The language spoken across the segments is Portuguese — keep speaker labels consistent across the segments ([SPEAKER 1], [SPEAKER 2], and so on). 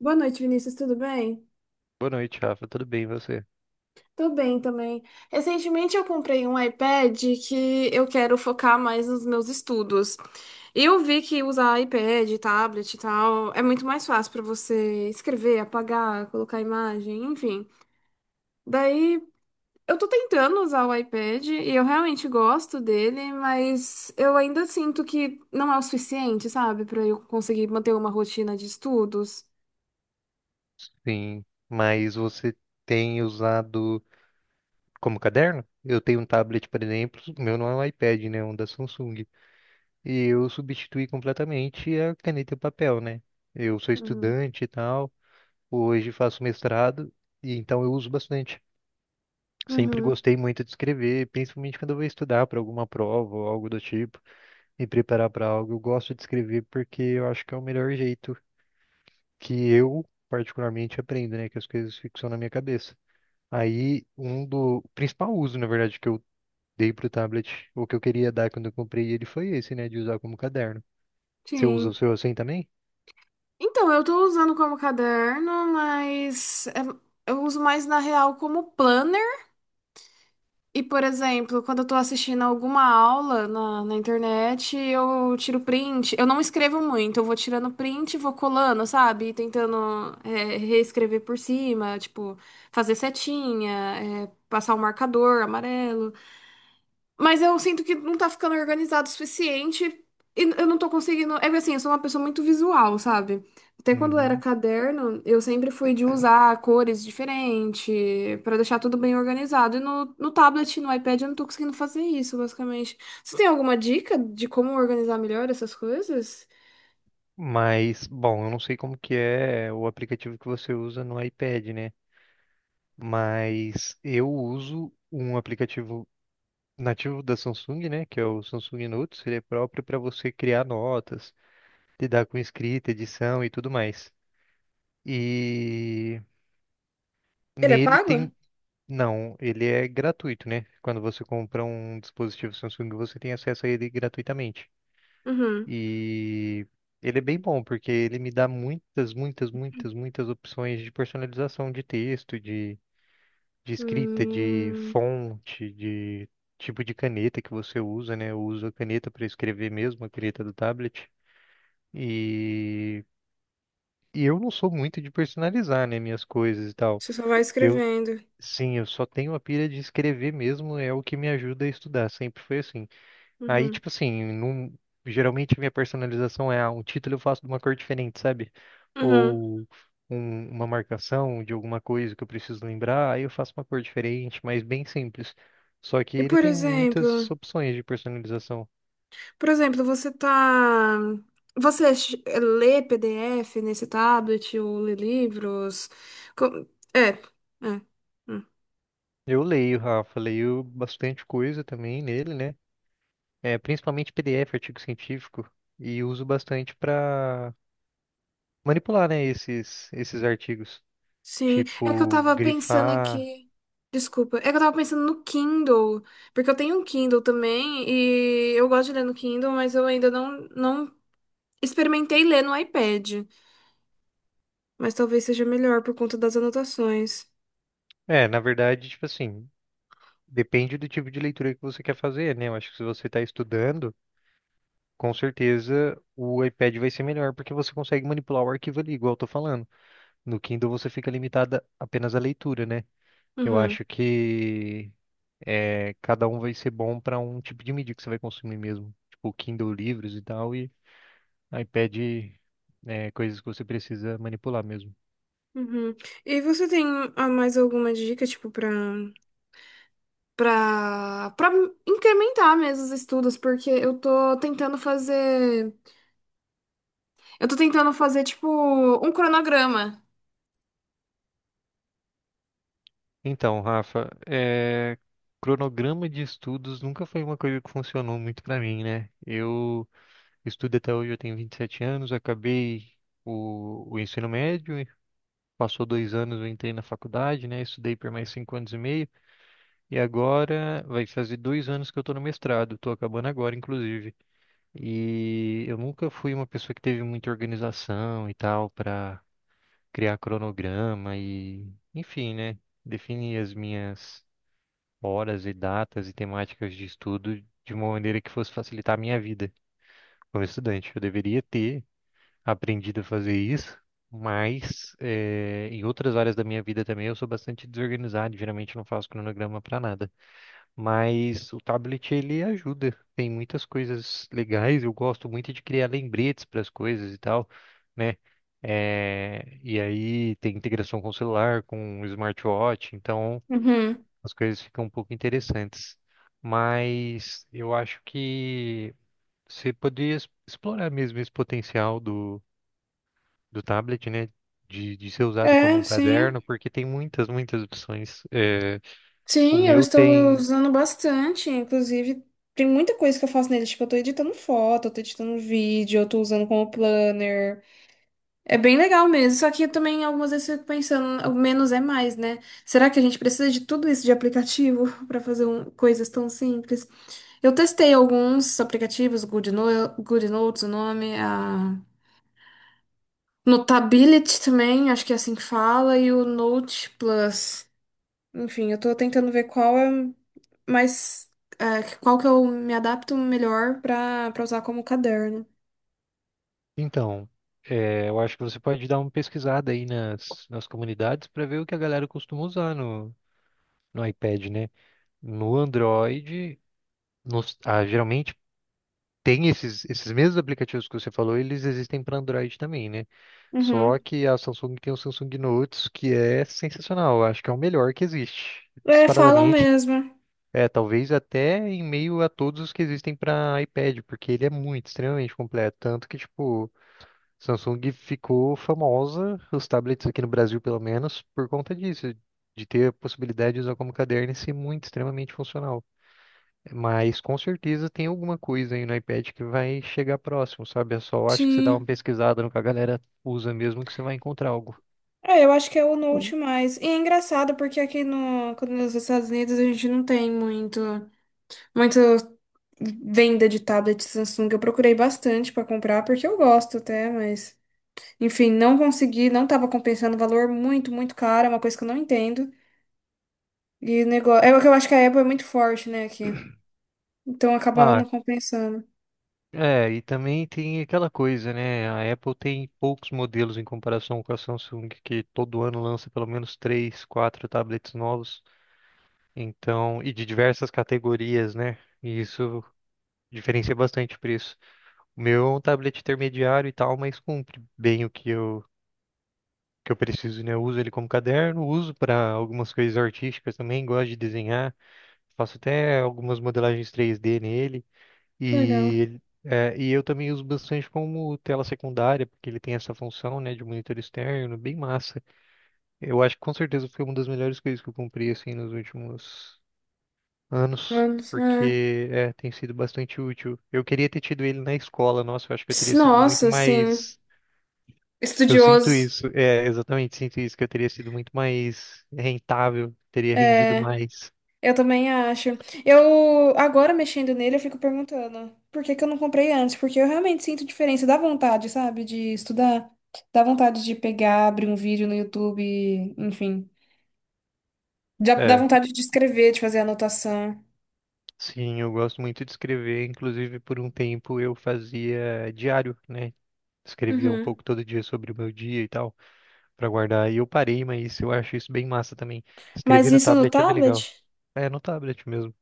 [SPEAKER 1] Boa noite, Vinícius, tudo bem?
[SPEAKER 2] Boa noite, Rafa. Tudo bem, e você?
[SPEAKER 1] Tô bem também. Recentemente eu comprei um iPad que eu quero focar mais nos meus estudos. E eu vi que usar iPad, tablet e tal é muito mais fácil pra você escrever, apagar, colocar imagem, enfim. Daí eu tô tentando usar o iPad e eu realmente gosto dele, mas eu ainda sinto que não é o suficiente, sabe, pra eu conseguir manter uma rotina de estudos.
[SPEAKER 2] Sim, mas você tem usado como caderno? Eu tenho um tablet, por exemplo, o meu não é um iPad, né? É um da Samsung. E eu substituí completamente a caneta e o papel, né? Eu sou
[SPEAKER 1] Uhum.
[SPEAKER 2] estudante e tal, hoje faço mestrado, e então eu uso bastante. Sempre
[SPEAKER 1] Uhum,
[SPEAKER 2] gostei muito de escrever, principalmente quando eu vou estudar para alguma prova ou algo do tipo, me preparar para algo. Eu gosto de escrever porque eu acho que é o melhor jeito que eu particularmente aprendo, né? Que as coisas ficam na minha cabeça. Aí, um do o principal uso, na verdade, que eu dei pro tablet, ou que eu queria dar quando eu comprei ele, foi esse, né? De usar como caderno. Você usa
[SPEAKER 1] sim.
[SPEAKER 2] o seu assim também?
[SPEAKER 1] Então, eu tô usando como caderno, eu uso mais na real como planner. E, por exemplo, quando eu tô assistindo alguma aula na internet, eu tiro print. Eu não escrevo muito, eu vou tirando print, e vou colando, sabe? E tentando reescrever por cima, tipo, fazer setinha, passar o marcador amarelo. Mas eu sinto que não tá ficando organizado o suficiente e eu não tô conseguindo. É que assim, eu sou uma pessoa muito visual, sabe? Até quando era
[SPEAKER 2] Uhum.
[SPEAKER 1] caderno, eu sempre fui de usar cores diferentes pra deixar tudo bem organizado. E no tablet, no iPad, eu não tô conseguindo fazer isso, basicamente. Você tem alguma dica de como organizar melhor essas coisas?
[SPEAKER 2] Mas, bom, eu não sei como que é o aplicativo que você usa no iPad, né? Mas eu uso um aplicativo nativo da Samsung, né? Que é o Samsung Notes. Ele é próprio para você criar notas, lidar com escrita, edição e tudo mais. E
[SPEAKER 1] Ele é
[SPEAKER 2] nele
[SPEAKER 1] pago?
[SPEAKER 2] tem. Não, ele é gratuito, né? Quando você compra um dispositivo Samsung, você tem acesso a ele gratuitamente.
[SPEAKER 1] Uhum.
[SPEAKER 2] E ele é bem bom, porque ele me dá muitas, muitas, muitas, muitas opções de personalização de texto, de escrita, de
[SPEAKER 1] Hum,
[SPEAKER 2] fonte, de tipo de caneta que você usa, né? Eu uso a caneta para escrever mesmo, a caneta do tablet. E, e eu não sou muito de personalizar, né, minhas coisas e tal.
[SPEAKER 1] você só vai
[SPEAKER 2] Eu
[SPEAKER 1] escrevendo.
[SPEAKER 2] Sim, eu só tenho a pira de escrever mesmo, é o que me ajuda a estudar, sempre foi assim. Aí,
[SPEAKER 1] Uhum.
[SPEAKER 2] tipo assim, geralmente minha personalização é um título eu faço de uma cor diferente, sabe?
[SPEAKER 1] Uhum.
[SPEAKER 2] Ou uma marcação de alguma coisa que eu preciso lembrar, aí eu faço uma cor diferente, mas bem simples. Só que
[SPEAKER 1] E
[SPEAKER 2] ele
[SPEAKER 1] por
[SPEAKER 2] tem
[SPEAKER 1] exemplo.
[SPEAKER 2] muitas opções de personalização.
[SPEAKER 1] Por exemplo, você tá. Lê PDF nesse tablet ou lê livros? Co- É, é. Hum.
[SPEAKER 2] Eu leio, Rafa, leio bastante coisa também nele, né? É, principalmente PDF, artigo científico, e uso bastante para manipular, né, esses, esses artigos.
[SPEAKER 1] Sim. É que eu
[SPEAKER 2] Tipo,
[SPEAKER 1] tava pensando
[SPEAKER 2] grifar.
[SPEAKER 1] aqui. Desculpa. É que eu tava pensando no Kindle. Porque eu tenho um Kindle também e eu gosto de ler no Kindle, mas eu ainda não experimentei ler no iPad. Mas talvez seja melhor por conta das anotações.
[SPEAKER 2] É, na verdade, tipo assim, depende do tipo de leitura que você quer fazer, né? Eu acho que se você está estudando, com certeza o iPad vai ser melhor, porque você consegue manipular o arquivo ali, igual eu tô falando. No Kindle você fica limitada apenas à leitura, né? Eu
[SPEAKER 1] Uhum.
[SPEAKER 2] acho que é, cada um vai ser bom para um tipo de mídia que você vai consumir mesmo. Tipo, Kindle livros e tal, e iPad é, coisas que você precisa manipular mesmo.
[SPEAKER 1] Uhum. E você tem mais alguma dica, tipo, pra. Para incrementar mesmo os estudos, porque eu tô tentando fazer, eu tô tentando fazer tipo um cronograma.
[SPEAKER 2] Então, Rafa, é, cronograma de estudos nunca foi uma coisa que funcionou muito pra mim, né? Eu estudo até hoje, eu tenho 27 anos, acabei o ensino médio, e passou 2 anos, eu entrei na faculdade, né? Estudei por mais 5 anos e meio, e agora vai fazer 2 anos que eu tô no mestrado, tô acabando agora, inclusive. E eu nunca fui uma pessoa que teve muita organização e tal pra criar cronograma e, enfim, né? Definir as minhas horas e datas e temáticas de estudo de uma maneira que fosse facilitar a minha vida como estudante. Eu deveria ter aprendido a fazer isso, mas em outras áreas da minha vida também eu sou bastante desorganizado, geralmente não faço cronograma para nada. Mas o tablet ele ajuda, tem muitas coisas legais, eu gosto muito de criar lembretes para as coisas e tal, né? E aí tem integração com o celular, com o smartwatch, então
[SPEAKER 1] Uhum.
[SPEAKER 2] as coisas ficam um pouco interessantes. Mas eu acho que você poderia explorar mesmo esse potencial do tablet, né? De ser usado como
[SPEAKER 1] É,
[SPEAKER 2] um
[SPEAKER 1] sim.
[SPEAKER 2] caderno, porque tem muitas, muitas opções. É, o
[SPEAKER 1] Sim, eu
[SPEAKER 2] meu
[SPEAKER 1] estou
[SPEAKER 2] tem.
[SPEAKER 1] usando bastante. Inclusive, tem muita coisa que eu faço nele. Tipo, eu tô editando foto, eu tô editando vídeo, eu tô usando como planner. É bem legal mesmo. Só que eu também algumas vezes fico pensando, o menos é mais, né? Será que a gente precisa de tudo isso de aplicativo para fazer coisas tão simples? Eu testei alguns aplicativos, Good No- Good Notes, o nome, a Notability também, acho que é assim que fala, e o Note Plus. Enfim, eu tô tentando ver qual é mais, qual que eu me adapto melhor pra usar como caderno.
[SPEAKER 2] Então, é, eu acho que você pode dar uma pesquisada aí nas comunidades para ver o que a galera costuma usar no iPad, né? No Android, nos, ah, geralmente tem esses mesmos aplicativos que você falou, eles existem para Android também, né? Só
[SPEAKER 1] Uhum.
[SPEAKER 2] que a Samsung tem o Samsung Notes, que é sensacional. Eu acho que é o melhor que existe.
[SPEAKER 1] É, falam
[SPEAKER 2] Disparadamente,
[SPEAKER 1] mesmo.
[SPEAKER 2] é, talvez até em meio a todos os que existem para iPad, porque ele é muito, extremamente completo. Tanto que, tipo, Samsung ficou famosa, os tablets aqui no Brasil, pelo menos, por conta disso. De ter a possibilidade de usar como caderno e ser muito, extremamente funcional. Mas com certeza tem alguma coisa aí no iPad que vai chegar próximo, sabe? Eu só acho que você dá uma
[SPEAKER 1] Sim.
[SPEAKER 2] pesquisada no que a galera usa mesmo, que você vai encontrar algo.
[SPEAKER 1] É, eu acho que é o Note mais. E é engraçado porque aqui no, quando nos Estados Unidos a gente não tem muito, muito venda de tablet Samsung. Eu procurei bastante para comprar, porque eu gosto até, mas enfim, não consegui, não tava compensando o valor muito, muito caro, é uma coisa que eu não entendo. E negócio, é que eu acho que a Apple é muito forte, né, aqui. Então acabava
[SPEAKER 2] Ah,
[SPEAKER 1] não compensando.
[SPEAKER 2] é, e também tem aquela coisa, né? A Apple tem poucos modelos em comparação com a Samsung, que todo ano lança pelo menos três, quatro tablets novos, então, e de diversas categorias, né? E isso diferencia bastante o preço. O meu é um tablet intermediário e tal, mas cumpre bem o que eu preciso, né? Eu uso ele como caderno, uso para algumas coisas artísticas também, gosto de desenhar, faço até algumas modelagens 3D nele.
[SPEAKER 1] Que
[SPEAKER 2] E,
[SPEAKER 1] legal.
[SPEAKER 2] é, e eu também uso bastante como tela secundária, porque ele tem essa função, né, de monitor externo, bem massa. Eu acho que com certeza foi uma das melhores coisas que eu comprei, assim, nos últimos anos,
[SPEAKER 1] Anos, é.
[SPEAKER 2] porque é, tem sido bastante útil. Eu queria ter tido ele na escola, nossa, eu acho que eu teria sido muito
[SPEAKER 1] Nossa, assim,
[SPEAKER 2] mais. Eu sinto
[SPEAKER 1] estudioso.
[SPEAKER 2] isso, é, exatamente, sinto isso, que eu teria sido muito mais rentável, teria rendido
[SPEAKER 1] É.
[SPEAKER 2] mais.
[SPEAKER 1] Eu também acho. Eu, agora mexendo nele, eu fico perguntando por que que eu não comprei antes? Porque eu realmente sinto diferença. Dá vontade, sabe, de estudar. Dá vontade de pegar, abrir um vídeo no YouTube, enfim. Dá
[SPEAKER 2] É,
[SPEAKER 1] vontade de escrever, de fazer anotação.
[SPEAKER 2] sim, eu gosto muito de escrever. Inclusive, por um tempo eu fazia diário, né? Escrevia um
[SPEAKER 1] Uhum.
[SPEAKER 2] pouco todo dia sobre o meu dia e tal, pra guardar. E eu parei, mas eu acho isso bem massa também.
[SPEAKER 1] Mas
[SPEAKER 2] Escrever no
[SPEAKER 1] isso no
[SPEAKER 2] tablet é bem legal.
[SPEAKER 1] tablet?
[SPEAKER 2] É, no tablet mesmo.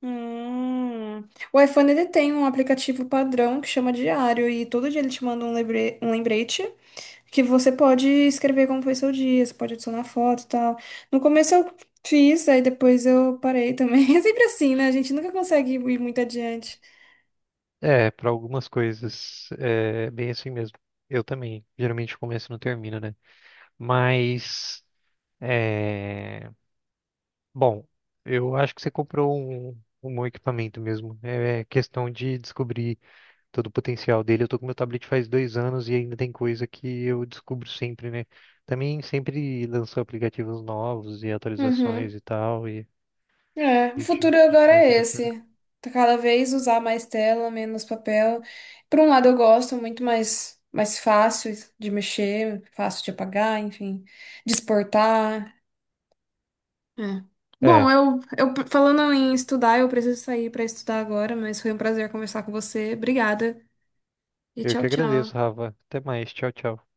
[SPEAKER 1] Hum. O iPhone ele tem um aplicativo padrão que chama Diário e todo dia ele te manda um um lembrete que você pode escrever como foi seu dia, você pode adicionar foto e tal. No começo eu fiz, aí depois eu parei também. É sempre assim, né? A gente nunca consegue ir muito adiante.
[SPEAKER 2] É, pra algumas coisas, é bem assim mesmo. Eu também, geralmente começo e não termino, né? Mas, é... bom, eu acho que você comprou um bom equipamento mesmo. É questão de descobrir todo o potencial dele. Eu tô com meu tablet faz 2 anos e ainda tem coisa que eu descubro sempre, né? Também sempre lançou aplicativos novos e
[SPEAKER 1] Uhum.
[SPEAKER 2] atualizações e tal, e
[SPEAKER 1] É, o
[SPEAKER 2] a gente,
[SPEAKER 1] futuro
[SPEAKER 2] a gente
[SPEAKER 1] agora
[SPEAKER 2] vai
[SPEAKER 1] é
[SPEAKER 2] se adaptando.
[SPEAKER 1] esse. Tá. Cada vez usar mais tela, menos papel. Por um lado eu gosto, muito mais, mais fácil de mexer, fácil de apagar, enfim, de exportar. É. Bom,
[SPEAKER 2] É,
[SPEAKER 1] eu falando em estudar, eu preciso sair para estudar agora, mas foi um prazer conversar com você. Obrigada. E
[SPEAKER 2] eu
[SPEAKER 1] tchau,
[SPEAKER 2] que
[SPEAKER 1] tchau.
[SPEAKER 2] agradeço, Rafa. Até mais. Tchau, tchau.